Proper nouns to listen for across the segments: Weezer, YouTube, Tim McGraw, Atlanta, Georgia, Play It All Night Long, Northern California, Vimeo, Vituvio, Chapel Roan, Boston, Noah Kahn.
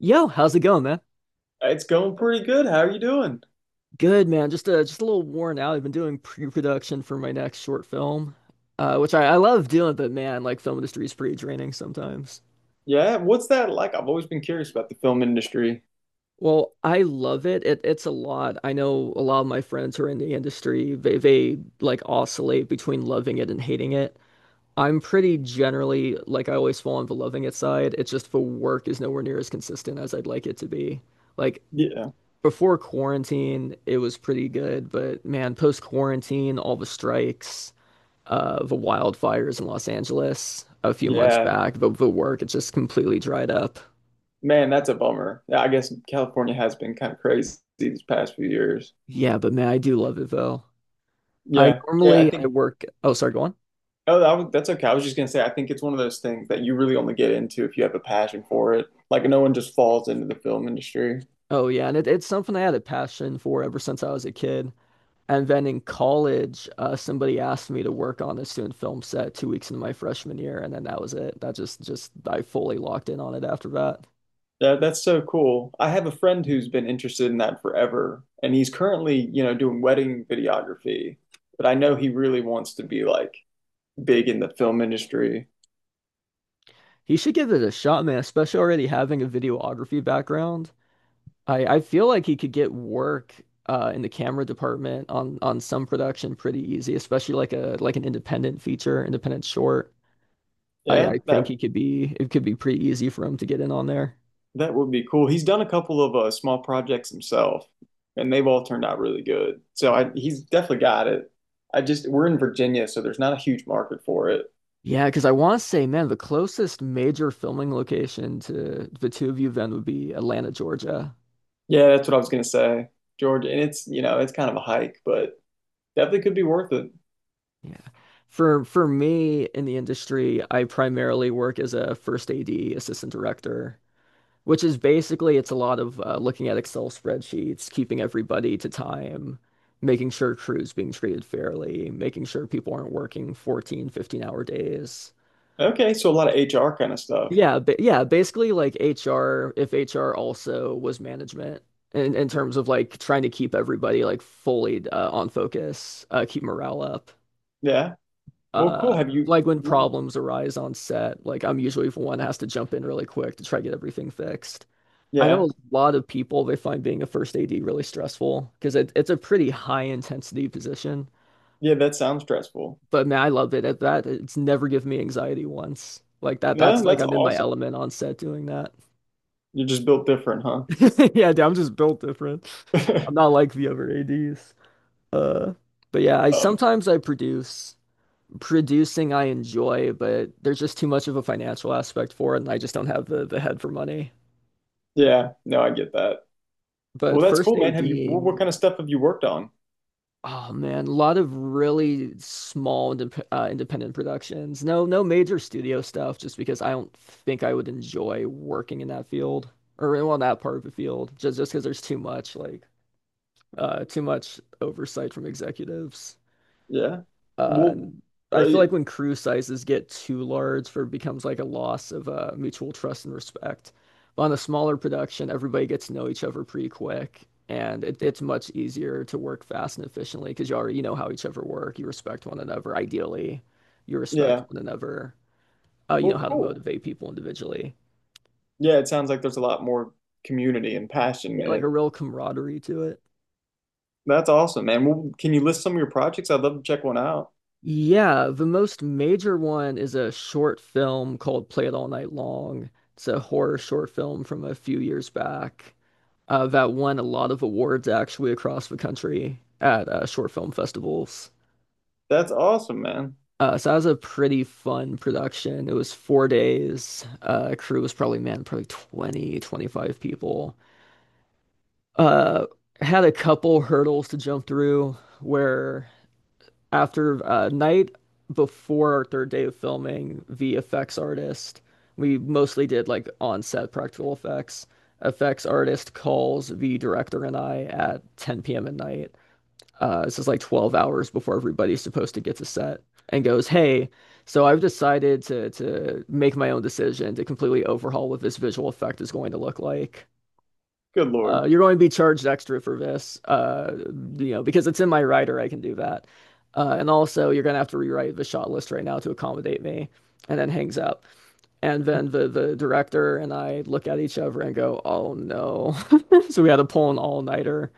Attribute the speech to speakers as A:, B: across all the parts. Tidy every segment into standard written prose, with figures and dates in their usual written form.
A: Yo, how's it going, man?
B: It's going pretty good. How are you doing?
A: Good, man. Just a little worn out. I've been doing pre-production for my next short film, which I love doing, but man, like film industry is pretty draining sometimes.
B: Yeah, what's that like? I've always been curious about the film industry.
A: Well, I love it. It's a lot. I know a lot of my friends who are in the industry, they like oscillate between loving it and hating it. I'm pretty generally like I always fall on the loving it side. It's just the work is nowhere near as consistent as I'd like it to be. Like,
B: Yeah,
A: before quarantine, it was pretty good, but man, post quarantine, all the strikes, the wildfires in Los Angeles a few months
B: yeah.
A: back, the work, it just completely dried up.
B: Man, that's a bummer. Yeah, I guess California has been kind of crazy these past few years.
A: Yeah, but man, I do love it though. I
B: Yeah, yeah, I
A: normally I
B: think.
A: work. Oh, sorry, go on.
B: Oh, that's okay. I was just gonna say, I think it's one of those things that you really only get into if you have a passion for it. Like, no one just falls into the film industry.
A: Oh yeah, and it's something I had a passion for ever since I was a kid. And then in college, somebody asked me to work on a student film set 2 weeks into my freshman year, and then that was it. That just I fully locked in on it after that.
B: Yeah, that's so cool. I have a friend who's been interested in that forever, and he's currently, doing wedding videography. But I know he really wants to be like big in the film industry.
A: He should give it a shot, man, especially already having a videography background. I feel like he could get work in the camera department on some production pretty easy, especially like a an independent feature, independent short.
B: Yeah,
A: I think
B: that
A: he could be it could be pretty easy for him to get in on there.
B: that would be cool. He's done a couple of small projects himself, and they've all turned out really good. He's definitely got it. I just We're in Virginia, so there's not a huge market for it.
A: Yeah, because I want to say, man, the closest major filming location to Vituvio then would be Atlanta, Georgia.
B: Yeah, that's what I was gonna say, Georgia. And it's you know it's kind of a hike, but definitely could be worth it.
A: Yeah. For me in the industry, I primarily work as a first AD, assistant director. Which is basically it's a lot of looking at Excel spreadsheets, keeping everybody to time, making sure crew's being treated fairly, making sure people aren't working 14, 15 hour days.
B: Okay, so a lot of HR kind of stuff.
A: Basically like HR, if HR also was management in terms of like trying to keep everybody like fully on focus, keep morale up.
B: Yeah. Well, cool. Have you?
A: Like when problems arise on set, like I'm usually the one that has to jump in really quick to try to get everything fixed. I know
B: Yeah,
A: a lot of people they find being a first AD really stressful because it's a pretty high intensity position.
B: yeah. That sounds stressful.
A: But man, I love it at that. It's never given me anxiety once. Like that's
B: No,
A: like
B: that's
A: I'm in my
B: awesome.
A: element on set doing that.
B: You're just built different, huh?
A: Yeah, dude, I'm just built different. I'm not like the other ADs. Uh, but yeah, I
B: Um,
A: sometimes I produce. Producing I enjoy, but there's just too much of a financial aspect for it, and I just don't have the head for money.
B: yeah. No, I get that. Well,
A: But
B: that's
A: first
B: cool, man. Have you What,
A: ADing.
B: kind of stuff have you worked on?
A: Oh man, a lot of really small independent productions. No, no major studio stuff, just because I don't think I would enjoy working in that field or well, that part of the field, just because there's too much like too much oversight from executives.
B: Yeah.
A: Uh,
B: Well,
A: and I
B: uh,
A: feel like when crew sizes get too large, there becomes like a loss of mutual trust and respect. But on a smaller production, everybody gets to know each other pretty quick, and it's much easier to work fast and efficiently because you already know how each other work. You respect one another. Ideally, you respect
B: yeah.
A: one another. You know
B: Well,
A: how to
B: cool.
A: motivate people individually.
B: Yeah, it sounds like there's a lot more community and passion
A: Yeah,
B: in
A: like a
B: it.
A: real camaraderie to it.
B: That's awesome, man. Well, can you list some of your projects? I'd love to check one out.
A: Yeah, the most major one is a short film called Play It All Night Long. It's a horror short film from a few years back that won a lot of awards actually across the country at short film festivals.
B: That's awesome, man.
A: So that was a pretty fun production. It was 4 days. Crew was probably, man, probably 20, 25 people. Uh, Had a couple hurdles to jump through where after night before our third day of filming, V effects artist, we mostly did like on-set practical effects. Effects artist calls the director and I at 10 p.m. at night. This is like 12 hours before everybody's supposed to get to set and goes, "Hey, so I've decided to make my own decision to completely overhaul what this visual effect is going to look like.
B: Good Lord.
A: You're going to be charged extra for this, you know, because it's in my writer, I can do that. And also, you're going to have to rewrite the shot list right now to accommodate me. And then hangs up." And then the director and I look at each other and go, oh no. So we had to pull an all-nighter,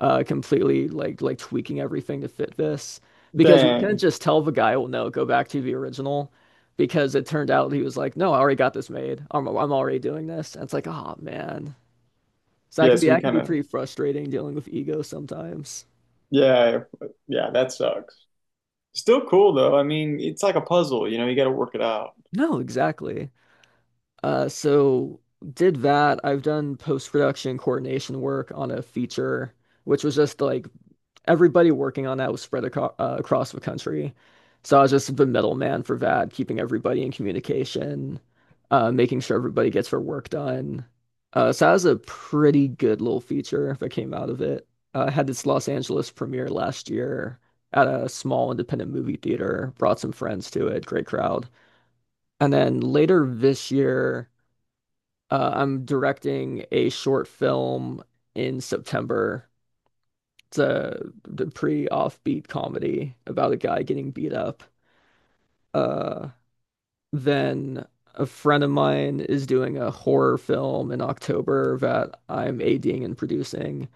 A: completely like tweaking everything to fit this. Because we couldn't
B: Dang.
A: just tell the guy, well, no, go back to the original. Because it turned out he was like, no, I already got this made. I'm already doing this. And it's like, oh man. So
B: Yeah, so he
A: I can
B: kind
A: be
B: of
A: pretty frustrating dealing with ego sometimes.
B: Yeah, yeah, that sucks. Still cool though. I mean, it's like a puzzle, you know, you got to work it out.
A: No, exactly. So did that. I've done post-production coordination work on a feature, which was just like everybody working on that was spread aco across the country. So I was just the middleman for that, keeping everybody in communication, making sure everybody gets their work done. So that was a pretty good little feature that came out of it. Had its Los Angeles premiere last year at a small independent movie theater. Brought some friends to it, great crowd. And then later this year, I'm directing a short film in September. It's a the pretty offbeat comedy about a guy getting beat up. Uh, then a friend of mine is doing a horror film in October that I'm ADing and producing.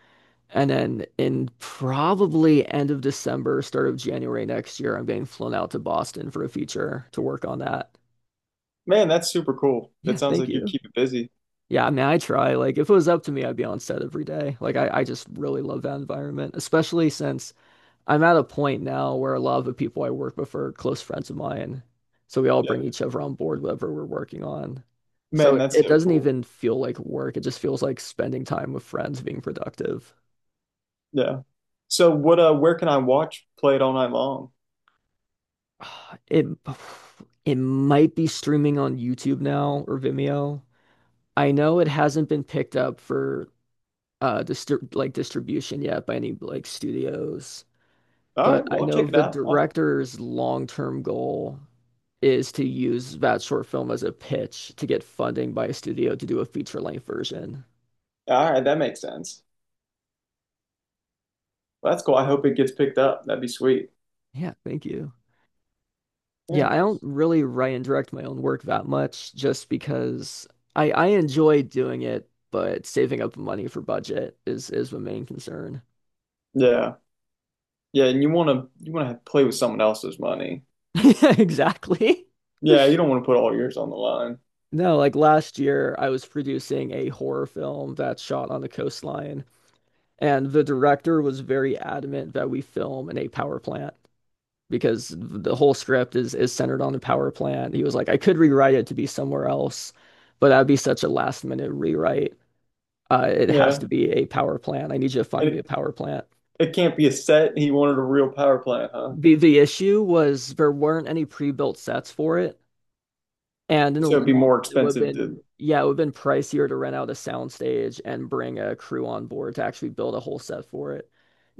A: And then in probably end of December, start of January next year, I'm getting flown out to Boston for a feature to work on that.
B: Man, that's super cool. That
A: Yeah,
B: sounds
A: thank
B: like you
A: you.
B: keep it busy.
A: Yeah, I mean, I try. Like, if it was up to me, I'd be on set every day. Like, I just really love that environment, especially since I'm at a point now where a lot of the people I work with are close friends of mine. So we all
B: Yeah.
A: bring each other on board whatever we're working on. So
B: Man,
A: it,
B: that's
A: it
B: so
A: doesn't
B: cool.
A: even feel like work. It just feels like spending time with friends, being productive.
B: Yeah. So what where can I watch Play It All Night Long?
A: It it might be streaming on YouTube now or Vimeo. I know it hasn't been picked up for distribution yet by any like studios,
B: All
A: but
B: right,
A: I
B: well I'll
A: know
B: check it
A: the
B: out. I'll-
A: director's long-term goal is to use that short film as a pitch to get funding by a studio to do a feature length version.
B: all right, that makes sense. Well, that's cool. I hope it gets picked up. That'd be sweet.
A: Yeah, thank you. Yeah,
B: Yeah.
A: I don't really write and direct my own work that much just because I enjoy doing it, but saving up money for budget is the main concern.
B: Yeah. Yeah, and play with someone else's money.
A: Exactly.
B: Yeah, you don't want to put all yours on the line.
A: No, like last year I was producing a horror film that shot on the coastline, and the director was very adamant that we film in a power plant, because the whole script is centered on the power plant. He was like, I could rewrite it to be somewhere else, but that'd be such a last minute rewrite. It has
B: Yeah.
A: to be a power plant. I need you to
B: And
A: find me a power plant.
B: it can't be a set. He wanted a real power plant, huh?
A: The issue was there weren't any pre-built sets for it. And in the
B: So
A: long
B: it'd be more
A: run, it would have
B: expensive
A: been,
B: to
A: yeah, it would have been pricier to rent out a soundstage and bring a crew on board to actually build a whole set for it.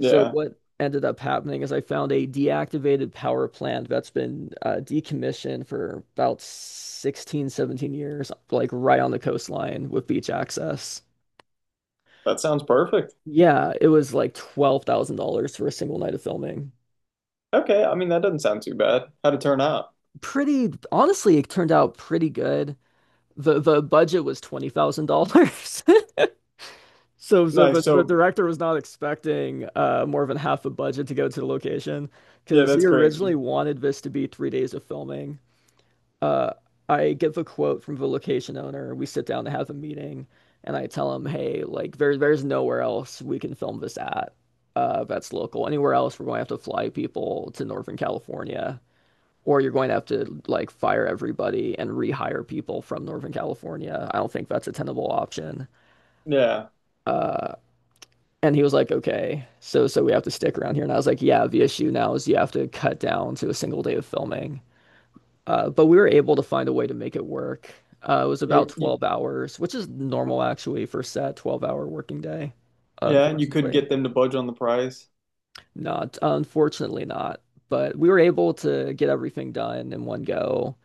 A: So what ended up happening is I found a deactivated power plant that's been decommissioned for about 16, 17 years, like right on the coastline with beach access.
B: That sounds perfect.
A: Yeah, it was like $12,000 for a single night of filming.
B: Okay, I mean that doesn't sound too bad. How'd it turn out?
A: Pretty, honestly, it turned out pretty good. The budget was $20,000. So, so,
B: Nice.
A: but the director was not expecting more than half a budget to go to the location
B: Yeah,
A: because he
B: that's
A: originally
B: crazy.
A: wanted this to be 3 days of filming. Uh, I give a quote from the location owner. We sit down to have a meeting, and I tell him, "Hey, like there's nowhere else we can film this at. That's local. Anywhere else, we're going to have to fly people to Northern California, or you're going to have to like fire everybody and rehire people from Northern California. I don't think that's a tenable option."
B: Yeah.
A: Uh, and he was like, okay, so we have to stick around here. And I was like, yeah, the issue now is you have to cut down to a single day of filming. But we were able to find a way to make it work. It was
B: Yeah,
A: about
B: you
A: 12 hours, which is normal actually for set, 12-hour working day.
B: Yeah, and you could
A: Unfortunately,
B: get them to budge on the price.
A: not. Unfortunately, not. But we were able to get everything done in one go.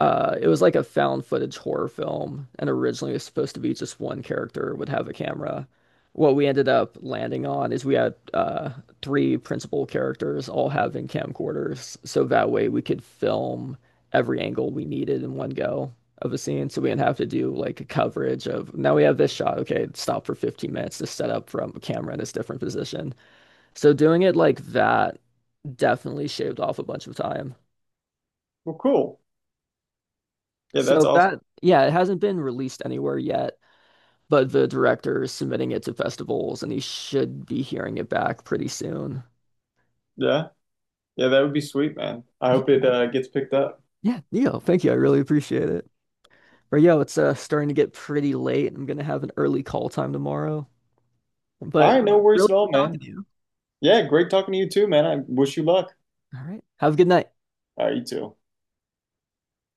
A: It was like a found footage horror film, and originally it was supposed to be just one character would have a camera. What we ended up landing on is we had three principal characters all having camcorders, so that way we could film every angle we needed in one go of a scene. So we didn't have to do like a coverage of now we have this shot. Okay, stop for 15 minutes to set up from a camera in this different position. So doing it like that definitely shaved off a bunch of time.
B: Well, cool. Yeah, that's
A: So
B: awesome.
A: that, yeah, it hasn't been released anywhere yet, but the director is submitting it to festivals and he should be hearing it back pretty soon.
B: Yeah. Yeah, that would be sweet, man. I hope
A: Yeah,
B: it gets picked up.
A: yeah, Neo, thank you. I really appreciate it. But yo, it's starting to get pretty late. I'm gonna have an early call time tomorrow.
B: All
A: But
B: right, no
A: really
B: worries at all,
A: good talking
B: man.
A: to you.
B: Yeah, great talking to you too, man. I wish you luck.
A: All right. Have a good night.
B: All right, you too.